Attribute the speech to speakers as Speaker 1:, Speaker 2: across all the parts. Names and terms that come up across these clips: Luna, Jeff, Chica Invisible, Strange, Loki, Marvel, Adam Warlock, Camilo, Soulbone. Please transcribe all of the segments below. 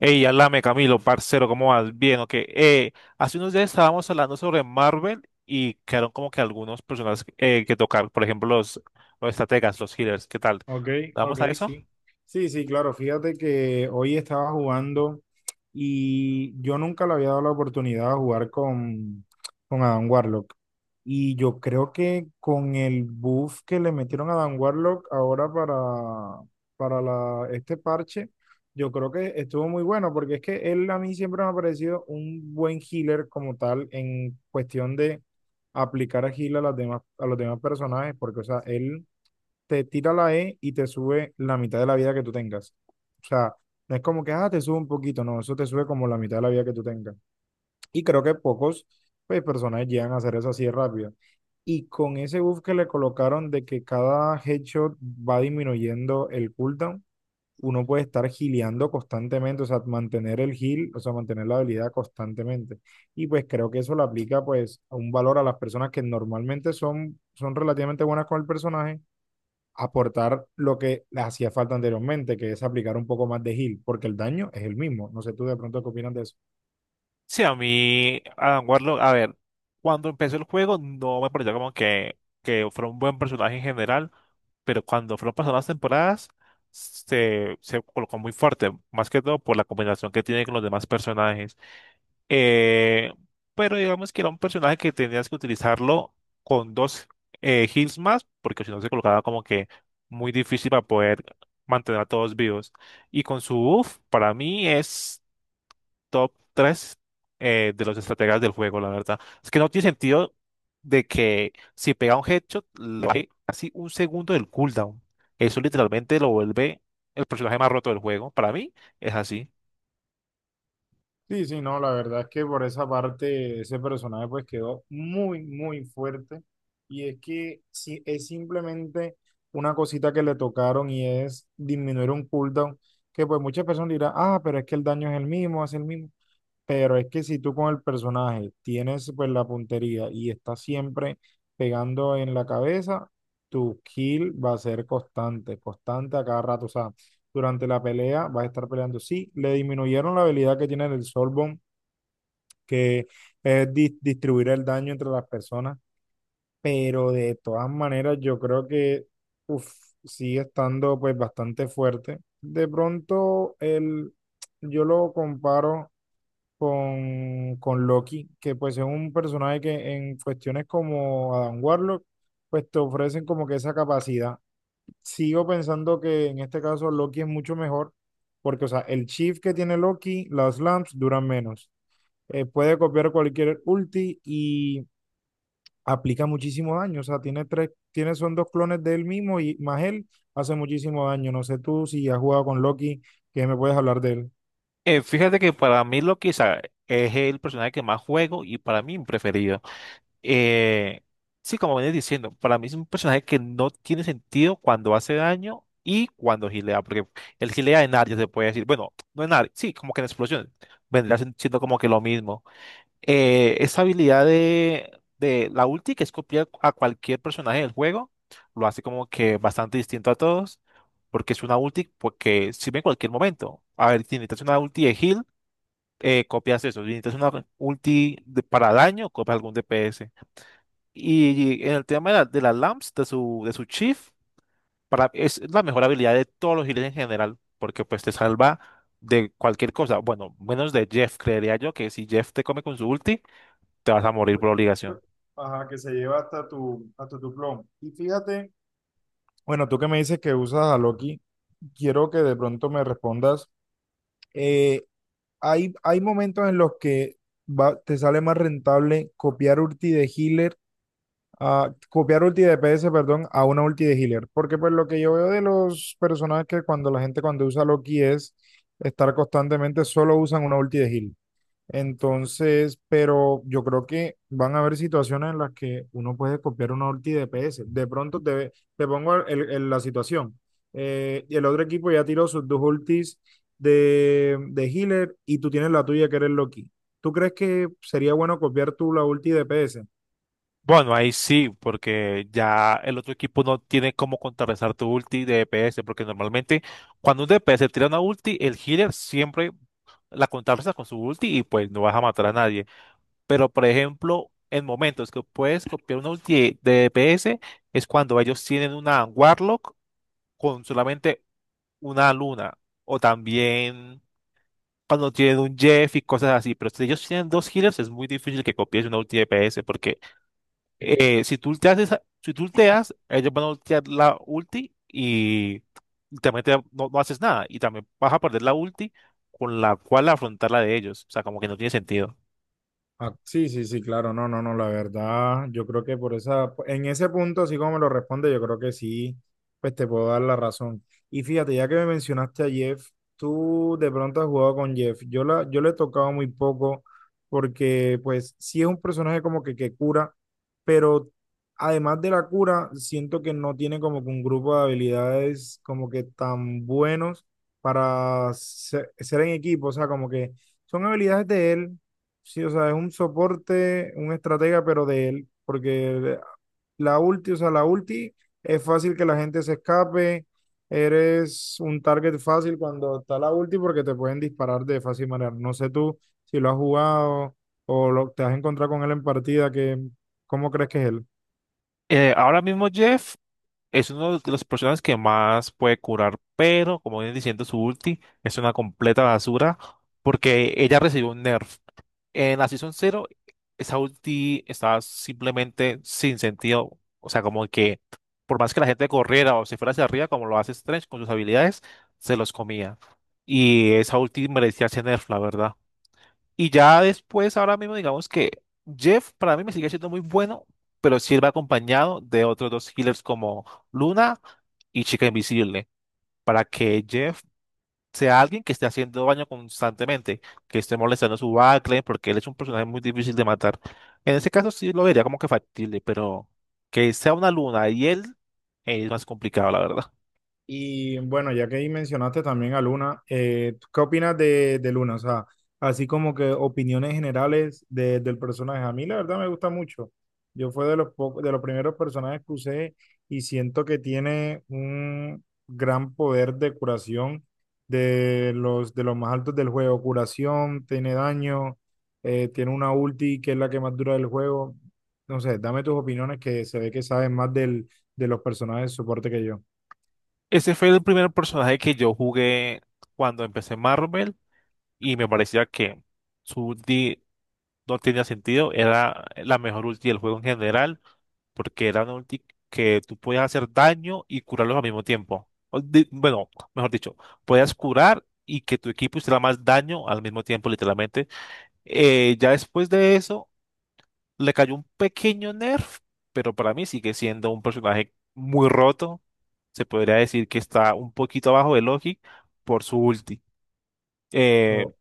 Speaker 1: Ey, alame Camilo, parcero, ¿cómo vas? Bien, ok. Hace unos días estábamos hablando sobre Marvel y quedaron como que algunos personajes que tocar, por ejemplo, los estrategas, los healers, ¿qué tal?
Speaker 2: Ok,
Speaker 1: ¿Vamos
Speaker 2: ok,
Speaker 1: a eso?
Speaker 2: sí. Sí, sí, claro. Fíjate que hoy estaba jugando y yo nunca le había dado la oportunidad de jugar con Adam Warlock. Y yo creo que con el buff que le metieron a Adam Warlock ahora para la, este parche, yo creo que estuvo muy bueno porque es que él a mí siempre me ha parecido un buen healer como tal en cuestión de aplicar a heal a, las demás, a los demás personajes porque, o sea, él te tira la E y te sube la mitad de la vida que tú tengas. O sea, no es como que, ah, te sube un poquito, no, eso te sube como la mitad de la vida que tú tengas. Y creo que pocos, pues, personajes llegan a hacer eso así de rápido. Y con ese buff que le colocaron de que cada headshot va disminuyendo el cooldown, uno puede estar gileando constantemente, o sea, mantener el heal, o sea, mantener la habilidad constantemente. Y pues creo que eso le aplica pues a un valor a las personas que normalmente son, son relativamente buenas con el personaje, aportar lo que les hacía falta anteriormente, que es aplicar un poco más de heal, porque el daño es el mismo. No sé tú de pronto qué opinas de eso.
Speaker 1: Sí, a mí, Adam Warlock, a ver, cuando empezó el juego no me pareció como que fuera un buen personaje en general, pero cuando fueron pasando las temporadas se colocó muy fuerte, más que todo por la combinación que tiene con los demás personajes. Eh, pero digamos que era un personaje que tenías que utilizarlo con dos heals más, porque si no se colocaba como que muy difícil para poder mantener a todos vivos. Y con su buff, para mí es top 3 de los estrategas del juego, la verdad. Es que no tiene sentido de que si pega un headshot, le baje casi un segundo del cooldown. Eso literalmente lo vuelve el personaje más roto del juego. Para mí es así.
Speaker 2: Sí, sí, no, la verdad es que por esa parte ese personaje pues quedó muy, muy fuerte. Y es que sí, es simplemente una cosita que le tocaron y es disminuir un cooldown, que pues muchas personas dirán, ah, pero es que el daño es el mismo. Pero es que si tú con el personaje tienes pues la puntería y estás siempre pegando en la cabeza, tu kill va a ser constante, constante a cada rato. O sea, durante la pelea vas a estar peleando. Sí, le disminuyeron la habilidad que tiene el Soulbone, que es distribuir el daño entre las personas, pero de todas maneras yo creo que uf, sigue estando pues bastante fuerte. De pronto el, yo lo comparo con Loki, que pues es un personaje que en cuestiones como Adam Warlock, pues te ofrecen como que esa capacidad. Sigo pensando que en este caso Loki es mucho mejor, porque o sea, el shift que tiene Loki, las lamps duran menos. Puede copiar cualquier ulti y aplica muchísimo daño. O sea, tiene tres, tiene, son dos clones de él mismo y más él hace muchísimo daño. No sé tú si has jugado con Loki, que me puedes hablar de él.
Speaker 1: Fíjate que para mí Loki o sea, es el personaje que más juego y para mí mi preferido. Eh, sí, como venía diciendo, para mí es un personaje que no tiene sentido cuando hace daño y cuando gilea, porque el gilea en área se puede decir, bueno, no en área, sí, como que en explosiones, vendría siendo como que lo mismo. Esa habilidad de la ulti, que es copiar a cualquier personaje del juego, lo hace como que bastante distinto a todos, porque es una ulti porque sirve en cualquier momento. A ver, si necesitas una ulti de heal, copias eso, si necesitas una ulti para daño, copias algún DPS. Y en el tema de las lamps, de su Chief, para, es la mejor habilidad de todos los healers en general, porque pues te salva de cualquier cosa. Bueno, menos de Jeff, creería yo que si Jeff te come con su ulti, te vas a morir por obligación.
Speaker 2: Ajá, que se lleva hasta tu plomo. Y fíjate, bueno, tú que me dices que usas a Loki, quiero que de pronto me respondas. eh, hay momentos en los que te sale más rentable copiar ulti de healer, a, copiar ulti de D P S, perdón, a una ulti de healer. Porque pues lo que yo veo de los personajes que cuando la gente cuando usa Loki es estar constantemente, solo usan una ulti de healer. Entonces, pero yo creo que van a haber situaciones en las que uno puede copiar una ulti de PS. De pronto te, te pongo la situación. Y el otro equipo ya tiró sus dos ultis de healer y tú tienes la tuya que eres Loki. ¿Tú crees que sería bueno copiar tú la ulti de PS?
Speaker 1: Bueno, ahí sí, porque ya el otro equipo no tiene cómo contrarrestar tu ulti de DPS, porque normalmente cuando un DPS tira una ulti, el healer siempre la contrarresta con su ulti y pues no vas a matar a nadie. Pero, por ejemplo, en momentos que puedes copiar una ulti de DPS es cuando ellos tienen una Warlock con solamente una luna. O también cuando tienen un Jeff y cosas así. Pero si ellos tienen dos healers, es muy difícil que copies una ulti de DPS porque si tú ulteas, si tú ulteas, ellos van a ultear la ulti y también no, no haces nada. Y también vas a perder la ulti con la cual afrontar la de ellos. O sea, como que no tiene sentido.
Speaker 2: Ah, sí, sí, sí, claro, no, no, no, la verdad, yo creo que por esa, en ese punto, así como me lo responde, yo creo que sí, pues te puedo dar la razón. Y fíjate, ya que me mencionaste a Jeff, tú de pronto has jugado con Jeff, yo la, yo le he tocado muy poco, porque pues sí es un personaje como que cura, pero además de la cura, siento que no tiene como que un grupo de habilidades como que tan buenos para ser, ser en equipo, o sea, como que son habilidades de él. Sí, o sea, es un soporte, un estratega, pero de él, porque la ulti, o sea, la ulti es fácil que la gente se escape, eres un target fácil cuando está la ulti porque te pueden disparar de fácil manera. No sé tú si lo has jugado o lo, te has encontrado con él en partida, que, ¿cómo crees que es él?
Speaker 1: Ahora mismo, Jeff, es uno de los personajes que más puede curar, pero como vienen diciendo, su ulti es una completa basura porque ella recibió un nerf. En la Season 0, esa ulti estaba simplemente sin sentido. O sea, como que por más que la gente corriera o se fuera hacia arriba, como lo hace Strange con sus habilidades, se los comía. Y esa ulti merecía ese nerf, la verdad. Y ya después, ahora mismo, digamos que Jeff para mí me sigue siendo muy bueno, pero sí él va acompañado de otros dos healers como Luna y Chica Invisible, para que Jeff sea alguien que esté haciendo daño constantemente, que esté molestando a su backline, porque él es un personaje muy difícil de matar. En ese caso sí lo vería como que factible, pero que sea una Luna y él es más complicado, la verdad.
Speaker 2: Y bueno, ya que ahí mencionaste también a Luna, ¿tú ¿qué opinas de Luna? O sea, así como que opiniones generales de- del personaje. A mí la verdad me gusta mucho. Yo fue de los, de los primeros personajes que usé y siento que tiene un gran poder de curación de los más altos del juego. Curación, tiene daño, tiene una ulti que es la que más dura del juego. No sé, dame tus opiniones que se ve que sabes más del, de los personajes de soporte que
Speaker 1: Ese fue el primer personaje que yo jugué cuando empecé Marvel y me parecía que... Su, no tenía sentido, era la mejor ulti del juego en general, porque era una ulti que tú podías hacer daño y curarlos al mismo tiempo. Bueno, mejor dicho, podías curar y que tu equipo hiciera más daño al mismo tiempo, literalmente. Ya después de eso, le cayó un pequeño nerf, pero para mí sigue siendo un personaje muy roto. Se podría decir que está un poquito abajo de Loki por su ulti. Eh,
Speaker 2: yo.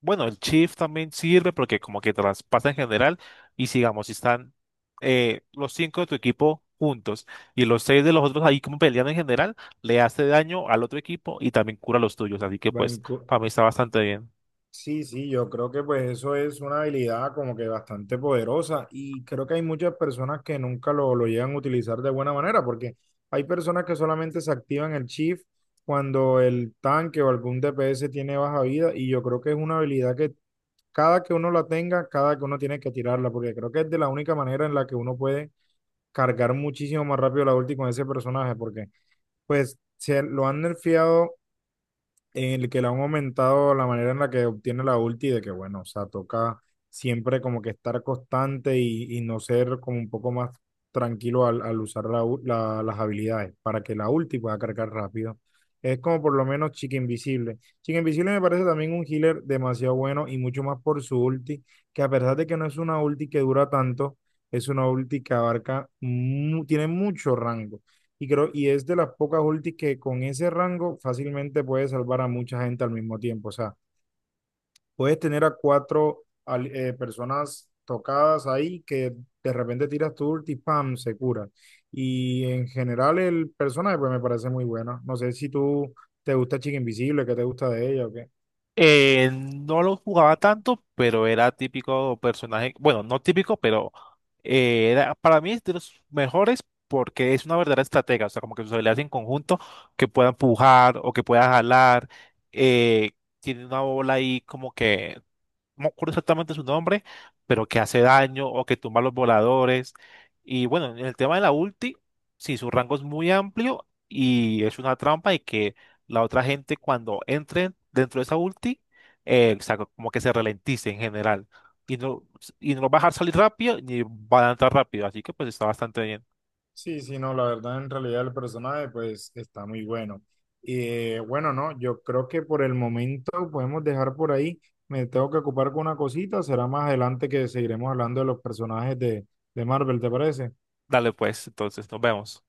Speaker 1: bueno, el shift también sirve porque como que traspasa en general y sigamos, si están los cinco de tu equipo juntos y los seis de los otros ahí como peleando en general, le hace daño al otro equipo y también cura los tuyos, así que pues
Speaker 2: Banco.
Speaker 1: para mí está bastante bien.
Speaker 2: Sí, sí, yo creo que pues eso es una habilidad como que bastante poderosa y creo que hay muchas personas que nunca lo, lo llegan a utilizar de buena manera porque hay personas que solamente se activan el shift cuando el tanque o algún DPS tiene baja vida y yo creo que es una habilidad que cada que uno la tenga, cada que uno tiene que tirarla porque creo que es de la única manera en la que uno puede cargar muchísimo más rápido la ulti con ese personaje porque pues se lo han nerfeado en el que le han aumentado la manera en la que obtiene la ulti, de que bueno, o sea, toca siempre como que estar constante y no ser como un poco más tranquilo al, al usar las habilidades para que la ulti pueda cargar rápido. Es como por lo menos Chica Invisible. Chica Invisible me parece también un healer demasiado bueno y mucho más por su ulti, que a pesar de que no es una ulti que dura tanto, es una ulti que abarca, tiene mucho rango. Y creo, y es de las pocas ultis que con ese rango fácilmente puedes salvar a mucha gente al mismo tiempo. O sea, puedes tener a cuatro personas tocadas ahí que de repente tiras tu ulti, ¡pam! Se cura. Y en general el personaje pues me parece muy bueno. No sé si tú te gusta Chica Invisible, qué te gusta de ella o qué.
Speaker 1: No lo jugaba tanto, pero era típico personaje, bueno, no típico, pero era para mí es de los mejores porque es una verdadera estratega, o sea, como que sus habilidades en conjunto que pueda empujar o que pueda jalar, eh, tiene una bola ahí como que no me acuerdo exactamente su nombre, pero que hace daño o que tumba los voladores. Y bueno, en el tema de la ulti, sí, su rango es muy amplio y es una trampa y que la otra gente cuando entre dentro de esa ulti, o sea, como que se ralentice en general. Y no, y no va a dejar salir rápido ni va a entrar rápido, así que pues está bastante bien.
Speaker 2: Sí, sí, no, la verdad, en realidad el personaje pues está muy bueno. Y bueno, no, yo creo que por el momento podemos dejar por ahí. Me tengo que ocupar con una cosita, será más adelante que seguiremos hablando de los personajes de Marvel, ¿te parece?
Speaker 1: Dale pues, entonces nos vemos.